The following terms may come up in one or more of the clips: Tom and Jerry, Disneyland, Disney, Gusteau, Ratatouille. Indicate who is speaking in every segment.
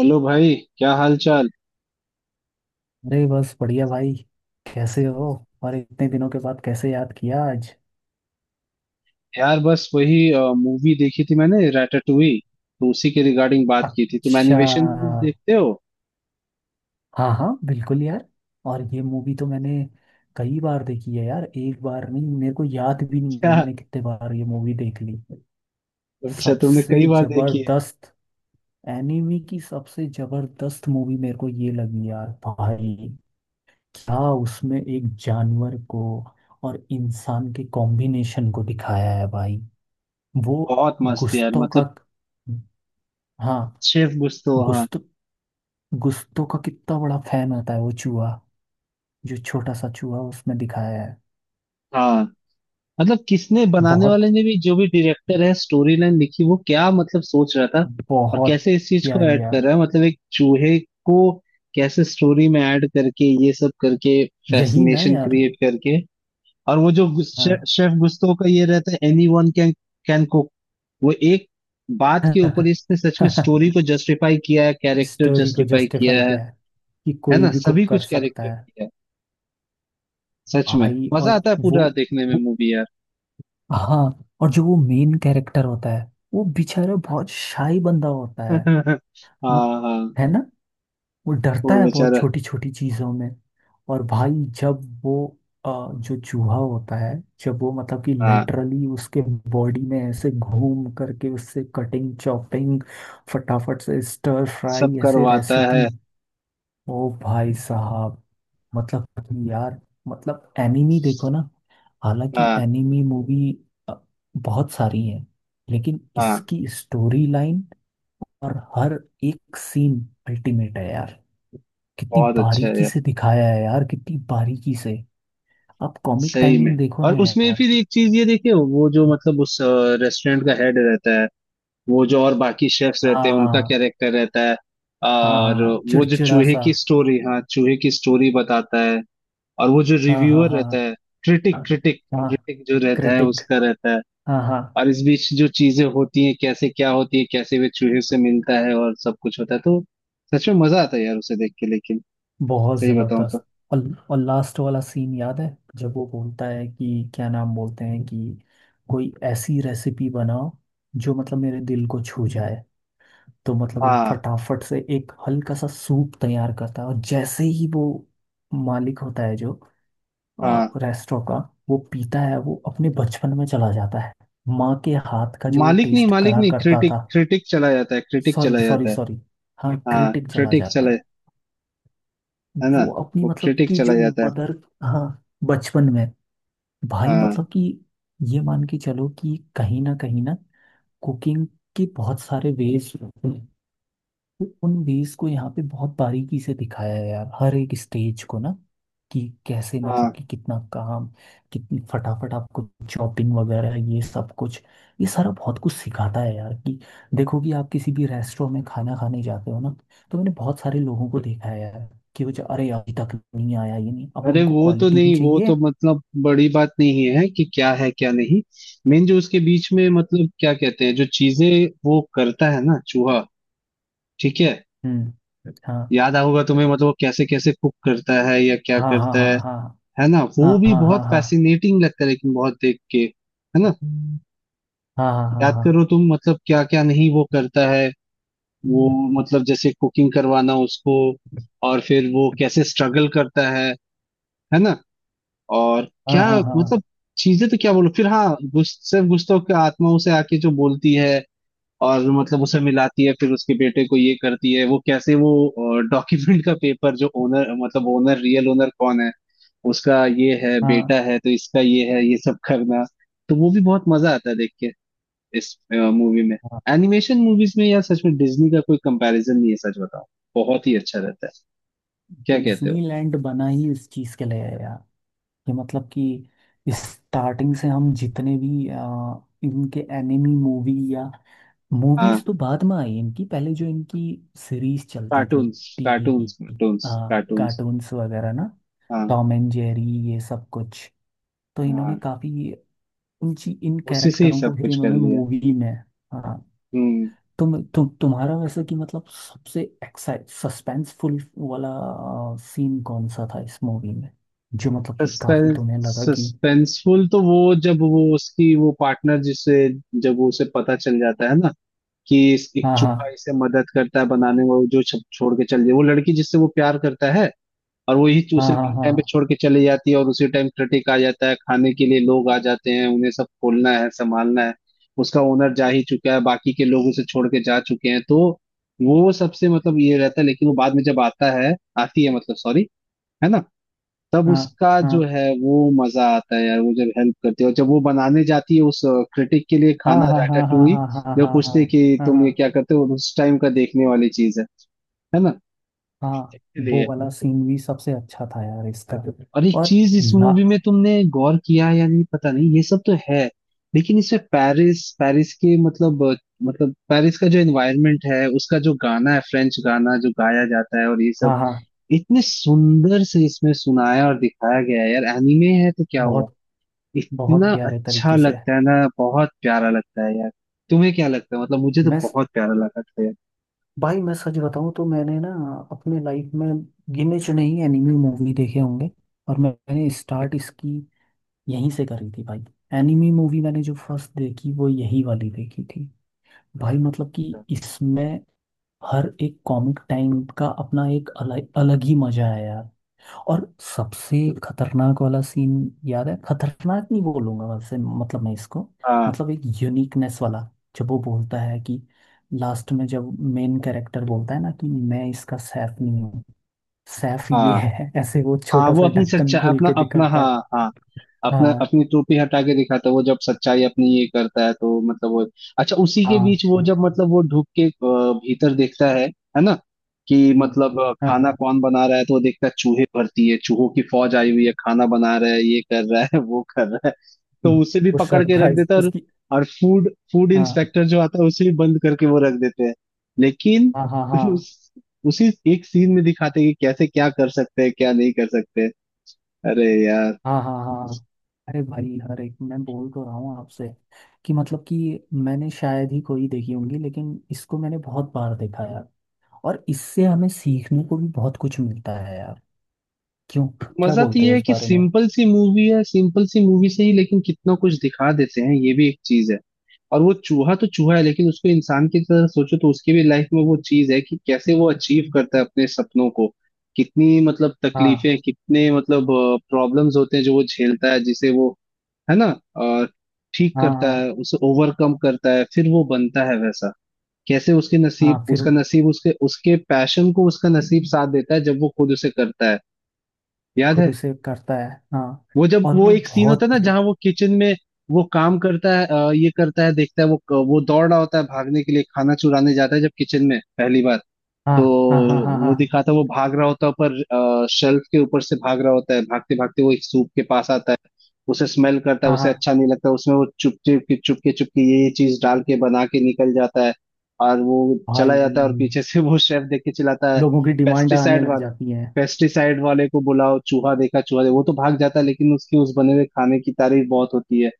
Speaker 1: Hello भाई, क्या हाल चाल।
Speaker 2: अरे बस बढ़िया भाई। कैसे हो। और इतने दिनों के बाद कैसे याद किया आज।
Speaker 1: यार बस वही मूवी देखी थी मैंने, रैटाटुई। तो उसी के रिगार्डिंग बात की थी। तुम
Speaker 2: अच्छा।
Speaker 1: एनिमेशन मूवीज देखते हो?
Speaker 2: हाँ हाँ, बिल्कुल यार। और ये मूवी तो मैंने कई बार देखी है यार। एक बार नहीं, मेरे को याद भी नहीं है
Speaker 1: क्या।
Speaker 2: मैंने कितने बार ये मूवी देख ली।
Speaker 1: अच्छा, तुमने
Speaker 2: सबसे
Speaker 1: कई बार देखी है।
Speaker 2: जबरदस्त एनिमी की सबसे जबरदस्त मूवी मेरे को ये लगी यार भाई। क्या उसमें एक जानवर को और इंसान के कॉम्बिनेशन को दिखाया है भाई। वो
Speaker 1: बहुत मस्त यार
Speaker 2: गुस्तों का।
Speaker 1: मतलब।
Speaker 2: हाँ।
Speaker 1: शेफ गुस्तो, हाँ।
Speaker 2: गुस्त गुस्तों का कितना बड़ा फैन होता है वो चूहा, जो छोटा सा चूहा उसमें दिखाया है।
Speaker 1: हाँ, मतलब किसने बनाने
Speaker 2: बहुत
Speaker 1: वाले ने भी, जो भी डायरेक्टर है स्टोरी लाइन लिखी, वो क्या मतलब सोच रहा था। और
Speaker 2: बहुत
Speaker 1: कैसे इस चीज को
Speaker 2: प्यारी
Speaker 1: ऐड कर
Speaker 2: यार।
Speaker 1: रहा है, मतलब एक चूहे को कैसे स्टोरी में ऐड करके, ये सब करके,
Speaker 2: यही ना
Speaker 1: फैसिनेशन
Speaker 2: यार।
Speaker 1: क्रिएट करके। और वो जो
Speaker 2: हाँ।
Speaker 1: शेफ गुस्तो का ये रहता है, anyone can can cook. वो एक बात के ऊपर इसने सच में स्टोरी को जस्टिफाई किया है, कैरेक्टर
Speaker 2: स्टोरी को
Speaker 1: जस्टिफाई किया
Speaker 2: जस्टिफाई
Speaker 1: है।
Speaker 2: किया है कि
Speaker 1: है
Speaker 2: कोई
Speaker 1: ना,
Speaker 2: भी
Speaker 1: सभी
Speaker 2: कुक कर
Speaker 1: कुछ
Speaker 2: सकता
Speaker 1: कैरेक्टर
Speaker 2: है।
Speaker 1: किया है। सच में
Speaker 2: भाई
Speaker 1: मजा
Speaker 2: और
Speaker 1: आता है
Speaker 2: वो,
Speaker 1: पूरा देखने में
Speaker 2: वो
Speaker 1: मूवी यार।
Speaker 2: हाँ। और जो वो मेन कैरेक्टर होता है वो बेचारा बहुत शाही बंदा होता है। मत
Speaker 1: हाँ हाँ।
Speaker 2: है वो
Speaker 1: वो
Speaker 2: डरता है बहुत
Speaker 1: बेचारा।
Speaker 2: छोटी छोटी चीजों में। और भाई जब वो अ, जो चूहा होता है, जब वो मतलब कि
Speaker 1: हाँ,
Speaker 2: लिटरली उसके बॉडी में ऐसे घूम करके उससे कटिंग चॉपिंग फटाफट से स्टर
Speaker 1: सब
Speaker 2: फ्राई ऐसे
Speaker 1: करवाता
Speaker 2: रेसिपी।
Speaker 1: है।
Speaker 2: ओ भाई साहब, मतलब कि यार, मतलब एनिमी देखो ना। हालांकि
Speaker 1: हाँ
Speaker 2: एनिमी मूवी बहुत सारी है, लेकिन
Speaker 1: हाँ।
Speaker 2: इसकी स्टोरी लाइन और हर एक सीन अल्टीमेट है यार। कितनी
Speaker 1: बहुत अच्छा है
Speaker 2: बारीकी
Speaker 1: यार।
Speaker 2: से दिखाया है यार, कितनी बारीकी से। आप कॉमिक
Speaker 1: सही में।
Speaker 2: टाइमिंग देखो ना
Speaker 1: और उसमें
Speaker 2: यार।
Speaker 1: फिर एक चीज ये देखिए, वो जो मतलब उस रेस्टोरेंट का हेड रहता है, वो जो, और बाकी शेफ्स रहते हैं उनका
Speaker 2: हाँ
Speaker 1: कैरेक्टर रहता है।
Speaker 2: हाँ
Speaker 1: और
Speaker 2: हाँ,
Speaker 1: वो जो
Speaker 2: चिड़चिड़ा
Speaker 1: चूहे
Speaker 2: सा।
Speaker 1: की स्टोरी, हाँ चूहे की स्टोरी बताता है। और वो जो
Speaker 2: हाँ हाँ
Speaker 1: रिव्यूअर
Speaker 2: हाँ
Speaker 1: रहता है, क्रिटिक क्रिटिक।
Speaker 2: हाँ।
Speaker 1: क्रिटिक जो रहता है
Speaker 2: क्रिटिक।
Speaker 1: उसका रहता है।
Speaker 2: हाँ हाँ।
Speaker 1: और इस बीच जो चीजें होती हैं, कैसे क्या होती है, कैसे वे चूहे से मिलता है और सब कुछ होता है, तो सच में मजा आता है यार उसे देख के, लेकिन
Speaker 2: बहुत
Speaker 1: सही बताऊं तो।
Speaker 2: जबरदस्त। और लास्ट वाला सीन याद है, जब वो बोलता है कि क्या नाम बोलते हैं, कि कोई ऐसी रेसिपी बनाओ जो मतलब मेरे दिल को छू जाए। तो मतलब वो
Speaker 1: हाँ
Speaker 2: फटाफट से एक हल्का सा सूप तैयार करता है, और जैसे ही वो मालिक होता है जो
Speaker 1: हाँ।
Speaker 2: रेस्टोरेंट का, वो पीता है, वो अपने बचपन में चला जाता है, माँ के हाथ का जो वो
Speaker 1: मालिक नहीं,
Speaker 2: टेस्ट
Speaker 1: मालिक
Speaker 2: करा
Speaker 1: नहीं,
Speaker 2: करता
Speaker 1: क्रिटिक
Speaker 2: था।
Speaker 1: क्रिटिक चला जाता है, क्रिटिक
Speaker 2: सॉरी
Speaker 1: चला
Speaker 2: सॉरी
Speaker 1: जाता है।
Speaker 2: सॉरी। हाँ,
Speaker 1: हाँ,
Speaker 2: क्रिटिक चला
Speaker 1: क्रिटिक
Speaker 2: जाता
Speaker 1: चला।
Speaker 2: है।
Speaker 1: है ना।
Speaker 2: वो अपनी
Speaker 1: वो
Speaker 2: मतलब
Speaker 1: क्रिटिक
Speaker 2: कि
Speaker 1: चला
Speaker 2: जो
Speaker 1: जाता है।
Speaker 2: मदर। हाँ। बचपन में। भाई
Speaker 1: हाँ
Speaker 2: मतलब कि ये मान के चलो कि कहीं ना कुकिंग के बहुत सारे वेज। तो उन वेज को यहाँ पे बहुत बारीकी से दिखाया है यार, हर एक स्टेज को ना। कि कैसे मतलब
Speaker 1: हाँ।
Speaker 2: कि कितना काम, कितनी फटाफट आपको चॉपिंग वगैरह ये सब कुछ। ये सारा बहुत कुछ सिखाता है यार, कि देखो कि आप किसी भी रेस्टोरेंट में खाना खाने जाते हो ना, तो मैंने बहुत सारे लोगों को देखा है यार कि वो जो अरे अभी तक नहीं आया ये नहीं, अब
Speaker 1: अरे
Speaker 2: उनको
Speaker 1: वो तो
Speaker 2: क्वालिटी भी
Speaker 1: नहीं, वो तो
Speaker 2: चाहिए।
Speaker 1: मतलब बड़ी बात नहीं है कि क्या है क्या नहीं। मेन जो उसके बीच में मतलब क्या कहते हैं, जो चीजें वो करता है ना चूहा, ठीक है?
Speaker 2: हम्म। हाँ
Speaker 1: याद होगा तुम्हें, मतलब वो कैसे कैसे कुक करता है या क्या
Speaker 2: हाँ हाँ
Speaker 1: करता है।
Speaker 2: हाँ
Speaker 1: है ना? वो
Speaker 2: हाँ
Speaker 1: भी
Speaker 2: हाँ
Speaker 1: बहुत
Speaker 2: हाँ हाँ
Speaker 1: फैसिनेटिंग लगता है, लेकिन बहुत देख के। है ना?
Speaker 2: हाँ हाँ हाँ
Speaker 1: याद
Speaker 2: हाँ
Speaker 1: करो तुम, मतलब क्या क्या नहीं वो करता है, वो मतलब जैसे कुकिंग करवाना उसको। और फिर वो कैसे स्ट्रगल करता है। है ना? और
Speaker 2: हाँ हाँ
Speaker 1: क्या
Speaker 2: हाँ हाँ हाँ
Speaker 1: मतलब, चीजें तो क्या बोलो फिर, हाँ सिर्फ गुस्तों की आत्मा उसे आके जो बोलती है। और मतलब उसे मिलाती है, फिर उसके बेटे को ये करती है, वो कैसे वो डॉक्यूमेंट का पेपर, जो ओनर मतलब ओनर, रियल ओनर कौन है, उसका ये है,
Speaker 2: हाँ हाँ।
Speaker 1: बेटा है तो इसका ये है, ये सब करना। तो वो भी बहुत मजा आता है देख के इस मूवी में। एनिमेशन मूवीज में यार, सच में डिज्नी का कोई कंपैरिजन नहीं है, सच बताओ। बहुत ही अच्छा रहता है। क्या कहते हो?
Speaker 2: डिज्नीलैंड बना ही इस चीज के लिए है यार। कि मतलब कि स्टार्टिंग से हम जितने भी इनके एनिमी मूवी या मूवीज
Speaker 1: हाँ।
Speaker 2: तो बाद में आई इनकी, पहले जो इनकी सीरीज चलती थी
Speaker 1: कार्टून्स,
Speaker 2: टीवी की,
Speaker 1: कार्टून्स, कार्टून्स, कार्टून्स।
Speaker 2: कार्टून्स वगैरह ना,
Speaker 1: हाँ
Speaker 2: टॉम एंड जेरी ये सब कुछ। तो इन्होंने
Speaker 1: हाँ।
Speaker 2: काफी इन
Speaker 1: उसी से ही
Speaker 2: कैरेक्टरों को
Speaker 1: सब
Speaker 2: फिर
Speaker 1: कुछ कर
Speaker 2: इन्होंने
Speaker 1: लिया।
Speaker 2: मूवी में। हाँ।
Speaker 1: हम्म।
Speaker 2: तुम्हारा वैसे कि मतलब सबसे एक्साइट सस्पेंसफुल वाला सीन कौन सा था इस मूवी में, जो मतलब कि काफी
Speaker 1: सस्पेंस,
Speaker 2: तुम्हें लगा कि।
Speaker 1: सस्पेंसफुल तो वो, जब वो उसकी वो पार्टनर जिसे, जब वो उसे पता चल जाता है ना, कि इस एक
Speaker 2: हाँ हाँ
Speaker 1: चूहा इसे मदद करता है बनाने में, वो जो छोड़ के चल जाए वो लड़की, जिससे वो प्यार करता है। और वही चूसे
Speaker 2: हाँ हाँ
Speaker 1: मेन टाइम पे
Speaker 2: हाँ
Speaker 1: छोड़ के चली जाती है, और उसी टाइम क्रिटिक आ जाता है, खाने के लिए लोग आ जाते हैं, उन्हें सब खोलना है संभालना है। उसका ओनर जा ही चुका है, बाकी के लोग उसे छोड़ के जा चुके हैं, तो वो सबसे मतलब ये रहता है, लेकिन वो बाद में जब आता है, आती है, मतलब सॉरी। है ना? तब उसका जो
Speaker 2: हाँ
Speaker 1: है वो मजा आता है यार, वो जब हेल्प करती है, और जब वो बनाने जाती है उस क्रिटिक के लिए
Speaker 2: हाँ
Speaker 1: खाना,
Speaker 2: हाँ हाँ हाँ
Speaker 1: रैटाटूई।
Speaker 2: हाँ हाँ हाँ
Speaker 1: जब
Speaker 2: हाँ हाँ
Speaker 1: पूछते
Speaker 2: हाँ
Speaker 1: हैं कि
Speaker 2: हाँ
Speaker 1: तुम
Speaker 2: हाँ,
Speaker 1: ये क्या करते हो, उस टाइम का देखने वाली चीज है। है ना?
Speaker 2: हाँ, वो
Speaker 1: इसलिए।
Speaker 2: वाला सीन भी सबसे अच्छा था यार इसका।
Speaker 1: और एक
Speaker 2: और
Speaker 1: चीज इस
Speaker 2: ला।
Speaker 1: मूवी में तुमने गौर किया है या नहीं पता नहीं, ये सब तो है, लेकिन इसमें पेरिस, पेरिस के मतलब मतलब पेरिस का जो एनवायरनमेंट है, उसका जो गाना है, फ्रेंच गाना जो गाया जाता है और ये सब,
Speaker 2: हाँ हाँ।
Speaker 1: इतने सुंदर से इसमें सुनाया और दिखाया गया है यार, एनिमे है तो क्या हुआ।
Speaker 2: बहुत बहुत
Speaker 1: इतना
Speaker 2: प्यारे
Speaker 1: अच्छा
Speaker 2: तरीके से।
Speaker 1: लगता है ना। बहुत प्यारा लगता है यार। तुम्हें क्या लगता है, मतलब मुझे तो
Speaker 2: मैं,
Speaker 1: बहुत प्यारा लगा था यार।
Speaker 2: भाई मैं सच बताऊं तो मैंने ना अपने लाइफ में गिने चुने ही एनिमी मूवी देखे होंगे। और मैंने स्टार्ट इसकी यहीं से करी थी भाई। एनिमी मूवी मैंने जो फर्स्ट देखी वो यही वाली देखी थी। भाई मतलब कि इसमें हर एक कॉमिक टाइम का अपना एक अलग अलग ही मजा है यार। और सबसे खतरनाक वाला सीन याद है, खतरनाक नहीं बोलूंगा वैसे, मतलब मैं इसको
Speaker 1: हाँ
Speaker 2: मतलब एक यूनिकनेस वाला। जब वो बोलता है कि लास्ट में जब मेन कैरेक्टर बोलता है ना, कि मैं इसका सैफ नहीं हूँ, सैफ ये
Speaker 1: हाँ
Speaker 2: है, ऐसे वो
Speaker 1: हाँ।
Speaker 2: छोटा
Speaker 1: वो
Speaker 2: सा
Speaker 1: अपनी
Speaker 2: ढक्कन
Speaker 1: सच्चा,
Speaker 2: खोल
Speaker 1: अपना
Speaker 2: के
Speaker 1: अपना,
Speaker 2: दिखाता
Speaker 1: हाँ
Speaker 2: है।
Speaker 1: हाँ, अपना,
Speaker 2: हाँ
Speaker 1: अपनी टोपी हटा के दिखाता है, वो जब सच्चाई अपनी ये करता है, तो मतलब वो। अच्छा, उसी के
Speaker 2: हाँ।
Speaker 1: बीच वो जब मतलब वो ढुक के भीतर देखता है। है ना? कि
Speaker 2: हम्म।
Speaker 1: मतलब
Speaker 2: हाँ।
Speaker 1: खाना कौन बना रहा है, तो वो देखता है चूहे भरती है, चूहों की फौज आई हुई है, खाना बना रहा है, ये कर रहा है वो कर रहा है। तो
Speaker 2: हम्म।
Speaker 1: उसे भी
Speaker 2: वो
Speaker 1: पकड़ के रख
Speaker 2: सरप्राइज
Speaker 1: देता है।
Speaker 2: उसकी।
Speaker 1: और फूड फूड
Speaker 2: हाँ
Speaker 1: इंस्पेक्टर जो आता है उसे भी बंद करके वो रख देते हैं। लेकिन
Speaker 2: हाँ हाँ हाँ
Speaker 1: उस, उसी एक सीन में दिखाते हैं कि कैसे क्या कर सकते हैं क्या नहीं कर सकते। अरे यार।
Speaker 2: हाँ हाँ हाँ। अरे भाई हर एक मैं बोल तो रहा हूँ आपसे कि मतलब कि मैंने शायद ही कोई देखी होंगी, लेकिन इसको मैंने बहुत बार देखा है यार। और इससे हमें सीखने को भी बहुत कुछ मिलता है यार। क्यों, क्या
Speaker 1: मजा तो
Speaker 2: बोलते हो
Speaker 1: ये है
Speaker 2: इस
Speaker 1: कि
Speaker 2: बारे में।
Speaker 1: सिंपल सी मूवी है, सिंपल सी मूवी से ही लेकिन कितना कुछ दिखा देते हैं, ये भी एक चीज है। और वो चूहा तो चूहा है, लेकिन उसको इंसान की तरह सोचो तो उसकी भी लाइफ में वो चीज है, कि कैसे वो अचीव करता है अपने सपनों को। कितनी मतलब
Speaker 2: हाँ
Speaker 1: तकलीफें, कितने मतलब प्रॉब्लम्स होते हैं जो वो झेलता है, जिसे वो, है ना, अ, ठीक
Speaker 2: हाँ
Speaker 1: करता
Speaker 2: हाँ
Speaker 1: है, उसे ओवरकम करता है, फिर वो बनता है वैसा। कैसे उसके नसीब,
Speaker 2: हाँ, फिर
Speaker 1: उसका नसीब, उसके उसके पैशन को उसका नसीब साथ देता है, जब वो खुद उसे करता है। याद है?
Speaker 2: खुद उसे करता है हाँ।
Speaker 1: वो, जब
Speaker 2: और
Speaker 1: वो
Speaker 2: वो
Speaker 1: एक सीन होता है
Speaker 2: बहुत।
Speaker 1: ना जहाँ वो किचन में, वो काम करता है ये करता है, देखता है, वो दौड़ रहा होता है भागने के लिए, खाना चुराने जाता है जब किचन में पहली बार।
Speaker 2: हाँ
Speaker 1: तो
Speaker 2: हाँ हाँ हाँ
Speaker 1: वो
Speaker 2: हाँ
Speaker 1: दिखाता है, वो भाग रहा होता है पर शेल्फ के ऊपर से भाग रहा होता है, भागते भागते वो एक सूप के पास आता है। उसे स्मेल करता है,
Speaker 2: हाँ
Speaker 1: उसे
Speaker 2: हाँ।
Speaker 1: अच्छा नहीं लगता, उसमें वो चुप चुप के, चुप के, चुप के ये चीज डाल के बना के निकल जाता है। और वो चला
Speaker 2: भाई
Speaker 1: जाता है और पीछे से वो शेफ देख के चिल्लाता है,
Speaker 2: लोगों की डिमांड आने
Speaker 1: पेस्टिसाइड
Speaker 2: लग
Speaker 1: वाला,
Speaker 2: जाती है।
Speaker 1: पेस्टिसाइड वाले को बुलाओ, चूहा देखा, चूहा देखा, वो तो भाग जाता है लेकिन उसकी उस बने हुए खाने की तारीफ बहुत होती है।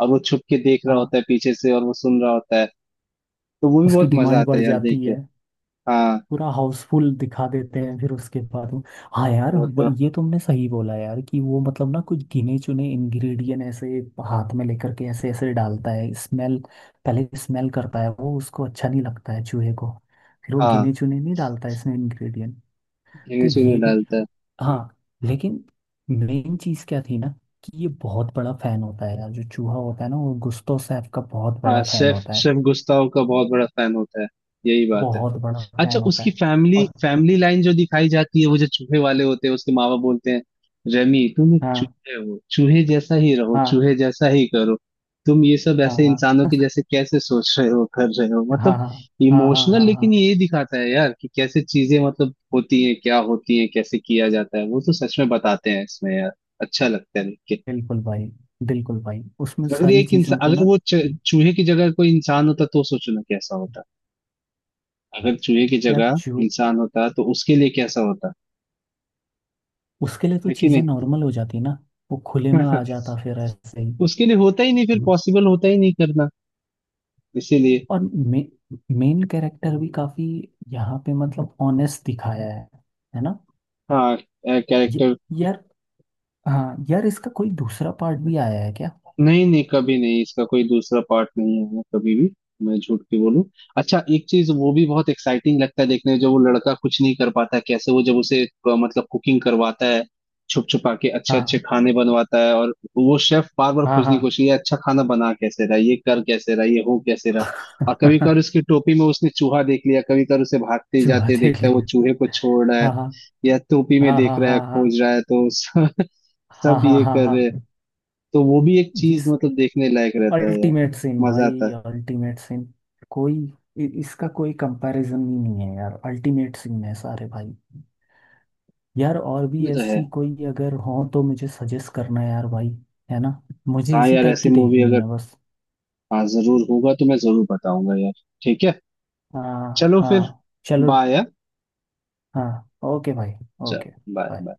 Speaker 1: और वो छुप के देख रहा
Speaker 2: हाँ,
Speaker 1: होता है पीछे से, और वो सुन रहा होता है। तो वो भी
Speaker 2: उसकी
Speaker 1: बहुत मजा
Speaker 2: डिमांड
Speaker 1: आता
Speaker 2: बढ़
Speaker 1: है यार देख
Speaker 2: जाती
Speaker 1: के।
Speaker 2: है।
Speaker 1: हाँ।
Speaker 2: पूरा हाउसफुल दिखा देते हैं फिर उसके बाद वो। हाँ यार,
Speaker 1: वो
Speaker 2: वो-
Speaker 1: तो,
Speaker 2: ये तुमने सही बोला यार कि वो मतलब ना कुछ गिने चुने इंग्रेडिएंट ऐसे हाथ में लेकर के ऐसे ऐसे डालता है स्मेल। पहले स्मेल करता है, वो उसको अच्छा नहीं लगता है चूहे को। फिर वो गिने
Speaker 1: हाँ,
Speaker 2: चुने नहीं डालता है इसमें इंग्रेडिएंट। तो
Speaker 1: इसी में
Speaker 2: ये भी।
Speaker 1: डालता है।
Speaker 2: हाँ। लेकिन मेन चीज़ क्या थी ना, कि ये बहुत बड़ा फैन होता है यार, जो चूहा होता है ना, वो गुस्तव सैफ का बहुत
Speaker 1: हाँ,
Speaker 2: बड़ा फैन
Speaker 1: शेफ
Speaker 2: होता है।
Speaker 1: शेफ गुस्ताव का बहुत बड़ा फैन होता है। यही बात है।
Speaker 2: बहुत बड़ा
Speaker 1: अच्छा,
Speaker 2: फैन होता
Speaker 1: उसकी
Speaker 2: है।
Speaker 1: फैमिली
Speaker 2: और।
Speaker 1: फैमिली लाइन जो दिखाई जाती है, वो जो चूहे वाले होते हैं, उसके माँ बाप बोलते हैं, रेमी तुम एक
Speaker 2: हाँ
Speaker 1: चूहे हो, चूहे जैसा ही रहो,
Speaker 2: हाँ
Speaker 1: चूहे जैसा ही करो, तुम ये सब
Speaker 2: हाँ
Speaker 1: ऐसे
Speaker 2: हाँ
Speaker 1: इंसानों के जैसे कैसे सोच रहे हो, कर रहे हो,
Speaker 2: हाँ
Speaker 1: मतलब
Speaker 2: हाँ हाँ हाँ
Speaker 1: इमोशनल,
Speaker 2: हाँ
Speaker 1: लेकिन
Speaker 2: हाँ।
Speaker 1: ये दिखाता है यार कि कैसे चीजें मतलब होती हैं, क्या होती हैं, कैसे किया जाता है, वो तो सच में बताते हैं इसमें यार। अच्छा लगता है।
Speaker 2: बिल्कुल भाई, बिल्कुल भाई उसमें
Speaker 1: अगर
Speaker 2: सारी
Speaker 1: एक इंसान,
Speaker 2: चीज़ों को
Speaker 1: अगर
Speaker 2: ना।
Speaker 1: वो चूहे की जगह कोई इंसान होता तो सोचो ना कैसा होता। अगर चूहे की
Speaker 2: यार
Speaker 1: जगह
Speaker 2: जो।
Speaker 1: इंसान होता तो उसके लिए कैसा होता,
Speaker 2: उसके लिए तो
Speaker 1: है कि
Speaker 2: चीज़ें
Speaker 1: नहीं?
Speaker 2: नॉर्मल हो जाती ना। वो खुले में आ जाता फिर ऐसे ही।
Speaker 1: उसके लिए होता ही नहीं फिर, पॉसिबल होता ही नहीं करना, इसीलिए।
Speaker 2: और मेन कैरेक्टर भी काफ़ी यहाँ पे मतलब ऑनेस्ट दिखाया है ना।
Speaker 1: हाँ,
Speaker 2: ये
Speaker 1: कैरेक्टर।
Speaker 2: यार। हाँ यार इसका कोई दूसरा पार्ट भी आया है क्या।
Speaker 1: नहीं नहीं, कभी नहीं, इसका कोई दूसरा पार्ट नहीं आया कभी भी, मैं झूठ के बोलूं। अच्छा, एक चीज वो भी बहुत एक्साइटिंग लगता है देखने में, जब वो लड़का कुछ नहीं कर पाता है, कैसे वो जब उसे मतलब कुकिंग करवाता है, छुप छुपा के अच्छे अच्छे
Speaker 2: हाँ
Speaker 1: खाने बनवाता है, और वो शेफ बार बार
Speaker 2: हाँ
Speaker 1: खोजने
Speaker 2: हाँ।
Speaker 1: की कोशिश, ये अच्छा खाना बना कैसे रहा, ये कर कैसे रहा, ये हो कैसे रहा। और कभी कभार उसकी टोपी में उसने चूहा देख लिया, कभी कभार उसे भागते
Speaker 2: चूहा
Speaker 1: जाते
Speaker 2: देख
Speaker 1: देखता है, वो
Speaker 2: लिया।
Speaker 1: चूहे को छोड़ रहा है
Speaker 2: हाँ
Speaker 1: या टोपी में
Speaker 2: हाँ हाँ
Speaker 1: देख रहा है,
Speaker 2: हाँ हाँ
Speaker 1: खोज रहा है, तो सब
Speaker 2: हाँ
Speaker 1: सब
Speaker 2: हाँ हाँ
Speaker 1: ये
Speaker 2: हाँ हाँ
Speaker 1: कर रहे हैं।
Speaker 2: हाँ।
Speaker 1: तो वो भी एक
Speaker 2: ये
Speaker 1: चीज मतलब देखने लायक रहता है यार।
Speaker 2: अल्टीमेट सिन
Speaker 1: मजा आता
Speaker 2: भाई,
Speaker 1: है।
Speaker 2: अल्टीमेट सिन। कोई इसका कोई कंपैरिजन ही नहीं है यार, अल्टीमेट सिन है सारे भाई। यार और भी
Speaker 1: ये तो है।
Speaker 2: ऐसी कोई अगर हो तो मुझे सजेस्ट करना यार भाई। है ना, मुझे
Speaker 1: हाँ
Speaker 2: इसी
Speaker 1: यार,
Speaker 2: टाइप
Speaker 1: ऐसी
Speaker 2: की
Speaker 1: मूवी
Speaker 2: देखनी
Speaker 1: अगर,
Speaker 2: है बस।
Speaker 1: हाँ जरूर होगा तो मैं जरूर बताऊंगा यार। ठीक है।
Speaker 2: हाँ
Speaker 1: चलो फिर।
Speaker 2: हाँ। चलो।
Speaker 1: बाय।
Speaker 2: हाँ ओके भाई।
Speaker 1: चल।
Speaker 2: ओके। बाय।
Speaker 1: बाय।